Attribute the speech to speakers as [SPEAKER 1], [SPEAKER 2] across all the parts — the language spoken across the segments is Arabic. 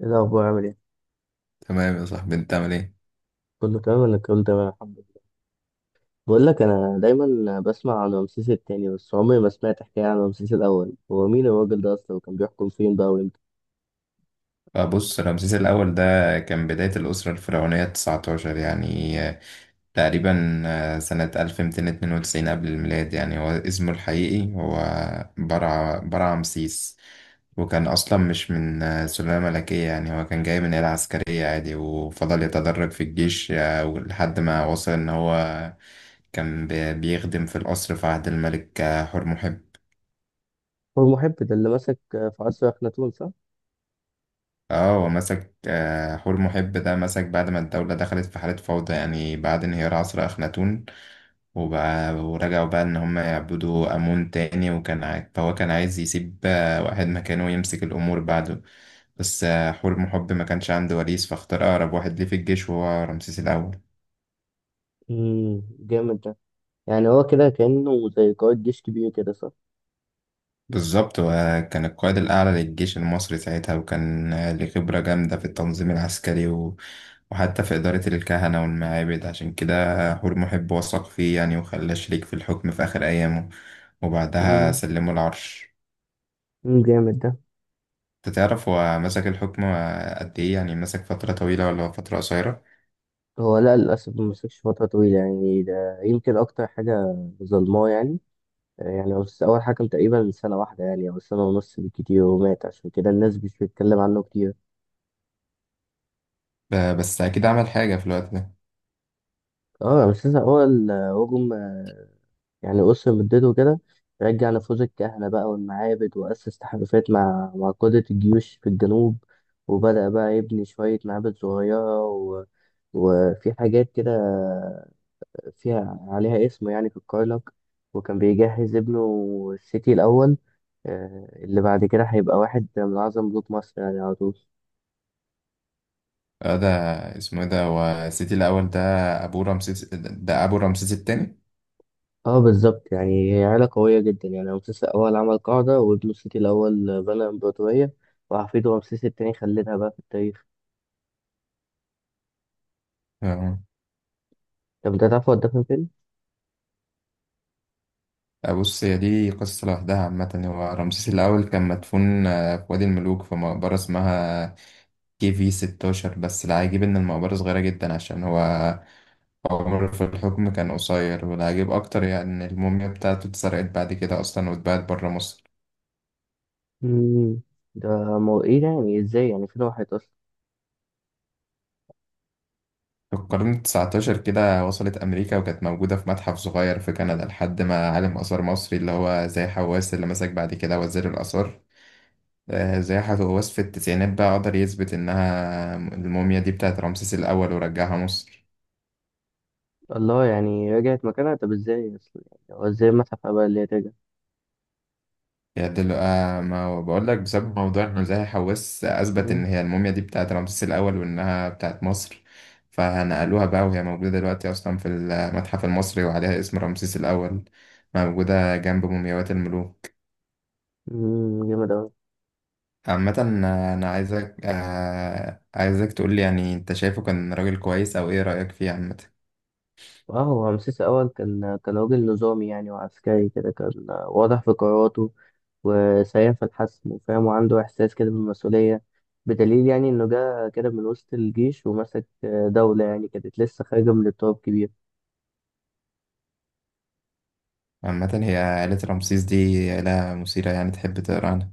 [SPEAKER 1] ايه الاخبار؟ عامل ايه؟
[SPEAKER 2] تمام يا صاحبي انت عامل ايه؟
[SPEAKER 1] كله تمام؟ ولا كله تمام الحمد لله. بقول لك انا دايما بسمع عن رمسيس التاني بس عمري ما سمعت حكايه عن رمسيس الاول. هو مين الراجل ده اصلا؟ وكان بيحكم فين بقى وامتى؟
[SPEAKER 2] بص رمسيس الاول ده كان بداية الأسرة الفرعونية 19، يعني تقريبا سنة 1292 قبل الميلاد. يعني هو اسمه الحقيقي هو برع رمسيس. وكان أصلا مش من سلالة ملكية، يعني هو كان جاي من عيلة عسكرية عادي وفضل يتدرج في الجيش لحد ما وصل إن هو كان بيخدم في القصر في عهد الملك حور.
[SPEAKER 1] هو المحب ده اللي مسك في عصر اخناتون، صح؟
[SPEAKER 2] اه، ومسك حور محب ده مسك بعد ما الدولة دخلت في حالة فوضى، يعني بعد انهيار عصر أخناتون. وبقى ورجعوا بقى إن هم يعبدوا أمون تاني، فهو كان عايز يسيب واحد مكانه يمسك الأمور بعده. بس حور محب ما كانش عنده وريث، فاختار أقرب واحد ليه في الجيش وهو رمسيس الأول.
[SPEAKER 1] امم، جامد ده. يعني هو كده كانه زي قائد جيش كبير كده، صح؟
[SPEAKER 2] بالظبط، وكان القائد الأعلى للجيش المصري ساعتها، وكان ليه خبرة جامدة في التنظيم العسكري وحتى في إدارة الكهنة والمعابد. عشان كده حور محب وثق فيه يعني، وخلاه شريك في الحكم في آخر أيامه، وبعدها
[SPEAKER 1] امم.
[SPEAKER 2] سلمه العرش.
[SPEAKER 1] أمم، جامد ده.
[SPEAKER 2] أنت تعرف هو مسك الحكم قد إيه؟ يعني مسك فترة طويلة ولا فترة قصيرة؟
[SPEAKER 1] هو لا، للاسف ما مسكش فتره طويله يعني، ده يمكن اكتر حاجه ظلماه يعني. يعني بس أول حكم تقريبا سنة واحدة يعني أو سنة ونص بالكتير ومات، عشان كده الناس مش بتتكلم عنه كتير.
[SPEAKER 2] بس أكيد عمل حاجة في الوقت ده.
[SPEAKER 1] اه بس لسه هو الهجوم، يعني أسر مدته كده. رجع نفوذ الكهنة بقى والمعابد وأسس تحالفات مع قادة الجيوش في الجنوب، وبدأ بقى يبني شوية معابد صغيرة وفي حاجات كده فيها عليها اسمه يعني في الكرنك، وكان بيجهز ابنه السيتي الأول، اللي بعد كده هيبقى واحد من أعظم ملوك مصر يعني على طول.
[SPEAKER 2] آه، ده اسمه إيه ده؟ هو سيتي الأول ده أبو رمسيس، ده أبو رمسيس التاني؟
[SPEAKER 1] اه بالظبط، يعني هي عيلة قوية جدا يعني. رمسيس الأول عمل قاعدة، وابنه السيتي الأول بنى إمبراطورية، وحفيده رمسيس التاني خلدها بقى في التاريخ.
[SPEAKER 2] آه.
[SPEAKER 1] طب ده تعرف هو اتدفن فين؟
[SPEAKER 2] بص، هي دي قصة لوحدها. عامة هو رمسيس الأول كان مدفون في وادي الملوك في مقبرة اسمها كي في 16. بس العجيب إن المقبرة صغيرة جدا عشان هو عمره في الحكم كان قصير. والعجيب أكتر يعني إن الموميا بتاعته اتسرقت بعد كده أصلا، واتباعت برا مصر
[SPEAKER 1] مم. ده مو ايه ده؟ يعني ازاي؟ يعني فين راحت أصلا؟
[SPEAKER 2] في القرن التسعتاشر كده. وصلت أمريكا، وكانت موجودة في متحف صغير في كندا لحد ما عالم آثار مصري اللي هو زي حواس، اللي مسك بعد كده وزير الآثار، آه، زي وصف التسعينات بقى قدر يثبت إنها الموميا دي بتاعت رمسيس الأول ورجعها مصر.
[SPEAKER 1] الله، يعني رجعت مكانها. طب ازاي أصلا؟ يعني هو ازاي المتحف بقى اللي هي ترجع؟
[SPEAKER 2] يدل آه، ما هو بقول لك، بسبب موضوع إنه زي حواس أثبت إن
[SPEAKER 1] مم.
[SPEAKER 2] هي الموميا دي بتاعت رمسيس الأول وإنها بتاعت مصر. فنقلوها بقى، وهي موجودة دلوقتي أصلا في المتحف المصري وعليها اسم رمسيس الأول، موجودة جنب مومياوات الملوك.
[SPEAKER 1] مم، جامد أوي.
[SPEAKER 2] عامة أنا عايزك تقولي، يعني أنت شايفه كان راجل كويس، أو إيه رأيك فيه عامة؟
[SPEAKER 1] اه، هو رمسيس أول كان راجل نظامي يعني، وعسكري كده، كان واضح في قراراته وسريع في الحسم وفاهم وعنده إحساس كده بالمسؤولية، بدليل يعني إنه جه كده من وسط الجيش ومسك دولة يعني كانت لسه خارجة من اضطراب كبير.
[SPEAKER 2] عامة هي عائلة رمسيس دي عائلة مثيرة يعني، تحب تقرا عنها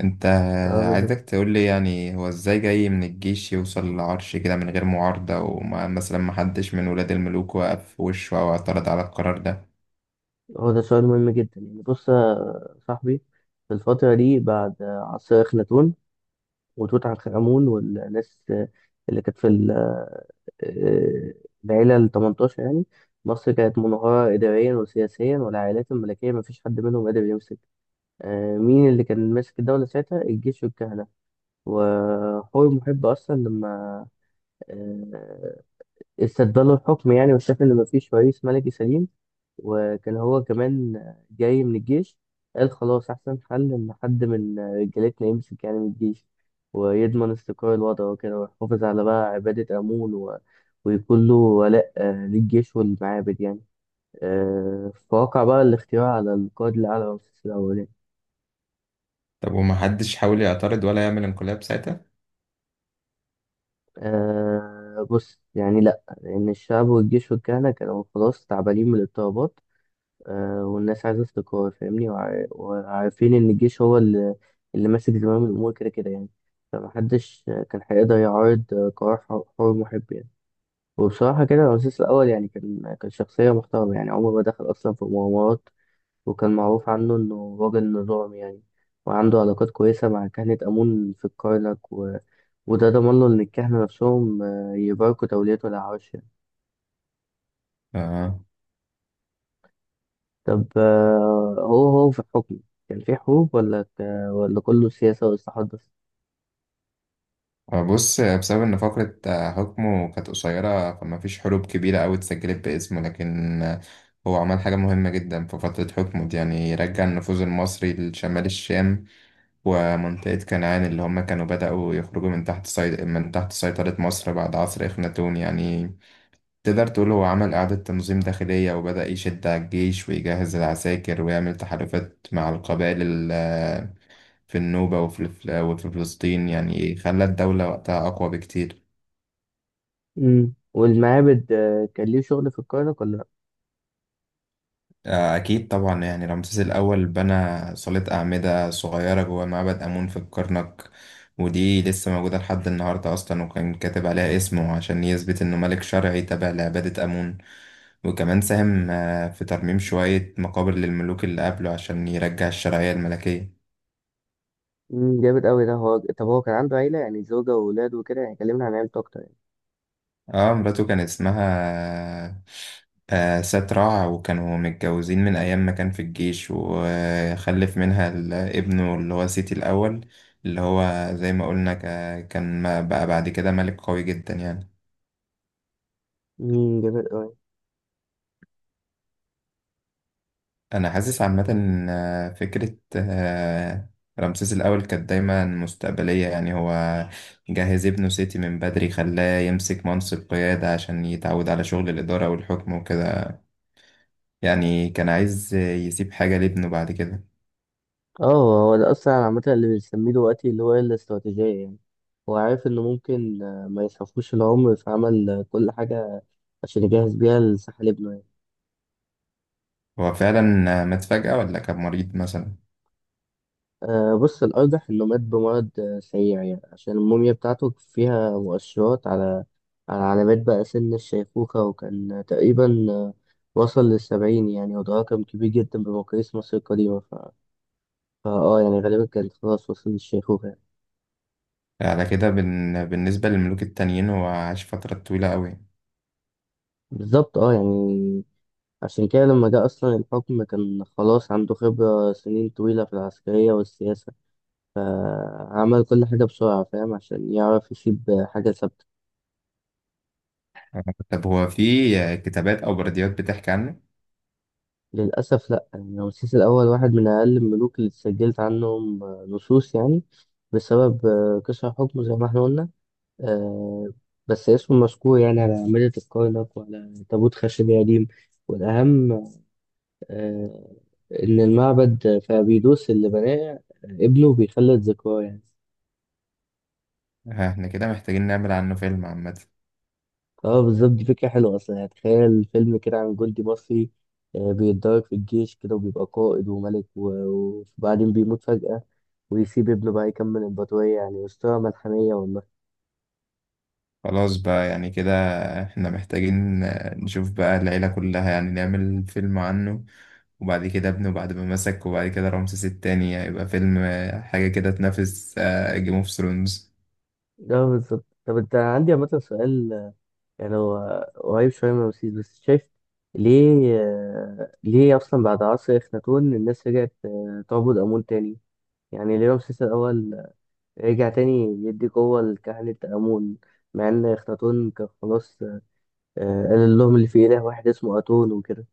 [SPEAKER 2] انت.
[SPEAKER 1] اه
[SPEAKER 2] عايزك
[SPEAKER 1] بالظبط.
[SPEAKER 2] تقولي يعني هو ازاي جاي من الجيش يوصل للعرش كده من غير معارضة، وما مثلا محدش من ولاد الملوك وقف في وشه أو اعترض على القرار ده؟
[SPEAKER 1] هو ده سؤال مهم جدا. يعني بص يا صاحبي، في الفترة دي بعد عصر أخناتون وتوت عنخ آمون والناس اللي كانت في العيلة ال 18 يعني، مصر كانت منهارة إداريا وسياسيا، والعائلات الملكية مفيش حد منهم قادر يمسك. مين اللي كان ماسك الدولة ساعتها؟ الجيش والكهنة. وحور محب أصلا لما آه، استدبلوا الحكم يعني وشاف إن مفيش رئيس ملكي سليم، وكان هو كمان جاي من الجيش، قال خلاص أحسن حل إن حد من رجالتنا يمسك يعني من الجيش، ويضمن استقرار الوضع وكده، ويحافظ على بقى عبادة أمون ويكون له ولاء للجيش والمعابد يعني. فوقع بقى الاختيار على القائد الأعلى رمسيس الأولاني.
[SPEAKER 2] طب ومحدش حاول يعترض ولا يعمل انقلاب ساعتها؟
[SPEAKER 1] آه بص، يعني لأ، لأن الشعب والجيش والكهنة كانوا خلاص تعبانين من الاضطرابات، والناس عايزة استقرار، فاهمني، وعارفين إن الجيش هو اللي ماسك زمام الأمور كده كده يعني. فمحدش كان هيقدر يعارض قرار حر حر محب يعني. وبصراحة كده الرئيس الأول يعني كان شخصية محترمة يعني، عمره ما دخل أصلا في مغامرات، وكان معروف عنه إنه راجل نظام يعني، وعنده علاقات كويسة مع كهنة آمون في الكرنك وده ضمن له إن الكهنة نفسهم يباركوا توليته للعرش.
[SPEAKER 2] آه.
[SPEAKER 1] طب هو في الحكم كان في حروب ولا كله سياسة وإصلاحات بس؟
[SPEAKER 2] بص، بسبب إن فقرة حكمه كانت قصيرة، فما فيش حروب كبيرة أوي اتسجلت باسمه. لكن هو عمل حاجة مهمة جدا في فترة حكمه دي، يعني رجع النفوذ المصري لشمال الشام ومنطقة كنعان، اللي هم كانوا بدأوا يخرجوا من من تحت سيطرة مصر بعد عصر إخناتون. يعني تقدر تقول هو عمل إعادة تنظيم داخلية، وبدأ يشد على الجيش ويجهز العساكر ويعمل تحالفات مع القبائل ال- في النوبة وفي فلسطين. يعني خلى الدولة وقتها أقوى بكتير.
[SPEAKER 1] امم، والمعابد كان ليه شغل في الكرنك ولا لأ؟
[SPEAKER 2] أكيد طبعا، يعني رمسيس الأول بنى صالة أعمدة صغيرة جوه معبد آمون في الكرنك، ودي لسه موجودة لحد النهاردة أصلا، وكان كاتب عليها اسمه عشان يثبت إنه ملك شرعي تابع لعبادة آمون. وكمان ساهم في ترميم شوية مقابر للملوك اللي قبله عشان يرجع الشرعية الملكية.
[SPEAKER 1] امم، جامد أوي ده. هو طب هو كان عنده عيلة يعني، زوجة وأولاد وكده، يعني كلمنا عن عيلته أكتر يعني.
[SPEAKER 2] اه، مراته كان اسمها آه ساتراع، وكانوا متجوزين من ايام ما كان في الجيش، وخلف منها ابنه اللي هو سيتي الاول، اللي هو زي ما قلنا ك- كان ما- بقى بعد كده ملك قوي جدا يعني.
[SPEAKER 1] امم، جامد قوي.
[SPEAKER 2] انا حاسس عامه إن، فكره رمسيس الاول كانت دايما مستقبليه. يعني هو جهز ابنه سيتي من بدري، خلاه يمسك منصب قياده عشان يتعود على شغل الاداره والحكم وكده. يعني كان عايز يسيب حاجة لابنه بعد كده.
[SPEAKER 1] اه، هو ده أصلا عامة اللي بنسميه دلوقتي اللي هو الاستراتيجية يعني. هو عارف إنه ممكن ما يسعفوش العمر، فعمل كل حاجة عشان يجهز بيها لساحل ابنه يعني.
[SPEAKER 2] هو فعلا مات فجأة ولا كان مريض مثلا؟
[SPEAKER 1] بص الأرجح إنه مات بمرض سريع يعني، عشان الموميا بتاعته فيها مؤشرات على على علامات بقى سن الشيخوخة، وكان تقريبا وصل للسبعين يعني، وده رقم كبير جدا بمقاييس مصر القديمة ف... فا اه يعني غالبا كان خلاص وصل للشيخوخة يعني.
[SPEAKER 2] على كده بالنسبة للملوك التانيين هو عاش فترة طويلة قوي.
[SPEAKER 1] بالظبط اه يعني، عشان كده لما جه أصلا الحكم كان خلاص عنده خبرة سنين طويلة في العسكرية والسياسة، فعمل كل حاجة بسرعة فاهم عشان يعرف يسيب حاجة ثابتة.
[SPEAKER 2] طب هو في كتابات أو برديات بتحكي عنه؟
[SPEAKER 1] للأسف لأ، يعني رمسيس الأول واحد من أقل الملوك اللي اتسجلت عنهم نصوص يعني، بسبب قشع حكمه زي ما احنا قلنا. آه، بس اسمه مذكور يعني على أعمدة الكرنك وعلى تابوت خشبي قديم، والأهم آه، إن المعبد في أبيدوس اللي بناه ابنه بيخلد ذكراه يعني.
[SPEAKER 2] ها، احنا كده محتاجين نعمل عنه فيلم عامة.
[SPEAKER 1] اه بالظبط، دي فكرة حلوة أصلا. يعني تخيل فيلم كده عن جندي مصري بيتدرب في الجيش كده وبيبقى قائد وملك وبعدين بيموت فجأة ويسيب ابنه بقى يكمل الإمبراطورية، يعني أسطورة ملحمية والله.
[SPEAKER 2] خلاص بقى، يعني كده احنا محتاجين نشوف بقى العيلة كلها، يعني نعمل فيلم عنه، وبعد كده ابنه بعد ما مسك، وبعد كده رمسيس التاني. هيبقى فيلم، حاجة كده تنافس جيم اوف ثرونز.
[SPEAKER 1] اه بالظبط. طب أنت عندي عامة سؤال، يعني هو قريب شوية من رمسيس بس شايف ليه ليه أصلا بعد عصر إخناتون الناس رجعت تعبد آمون تاني؟ يعني ليه رمسيس الأول رجع تاني يدي قوة لكهنة آمون، مع إن إخناتون كان خلاص قال لهم اللي في إله واحد اسمه أتون وكده.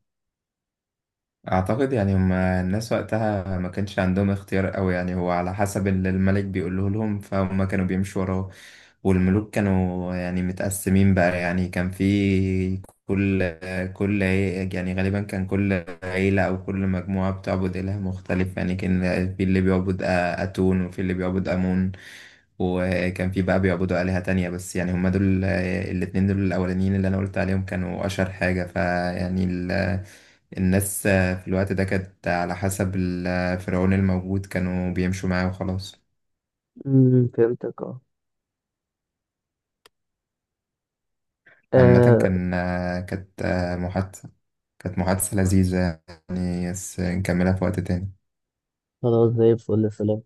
[SPEAKER 2] اعتقد يعني هم الناس وقتها ما كانش عندهم اختيار قوي، يعني هو على حسب اللي الملك بيقوله لهم، فهم كانوا بيمشوا وراه. والملوك كانوا يعني متقسمين بقى، يعني كان في كل يعني غالبا كان كل عيلة او كل مجموعة بتعبد اله مختلف. يعني كان في اللي بيعبد اتون وفي اللي بيعبد امون، وكان في بقى بيعبدوا آلهة تانية. بس يعني هم دول الاتنين دول الاولانيين اللي انا قلت عليهم كانوا اشهر حاجة. فيعني الناس في الوقت ده كانت على حسب الفرعون الموجود، كانوا بيمشوا معاه وخلاص.
[SPEAKER 1] امم، فهمتك اه.
[SPEAKER 2] عامة
[SPEAKER 1] آه،
[SPEAKER 2] كان كانت محادثة لذيذة يعني، بس نكملها في وقت تاني.
[SPEAKER 1] خلاص زي الفل، سلام.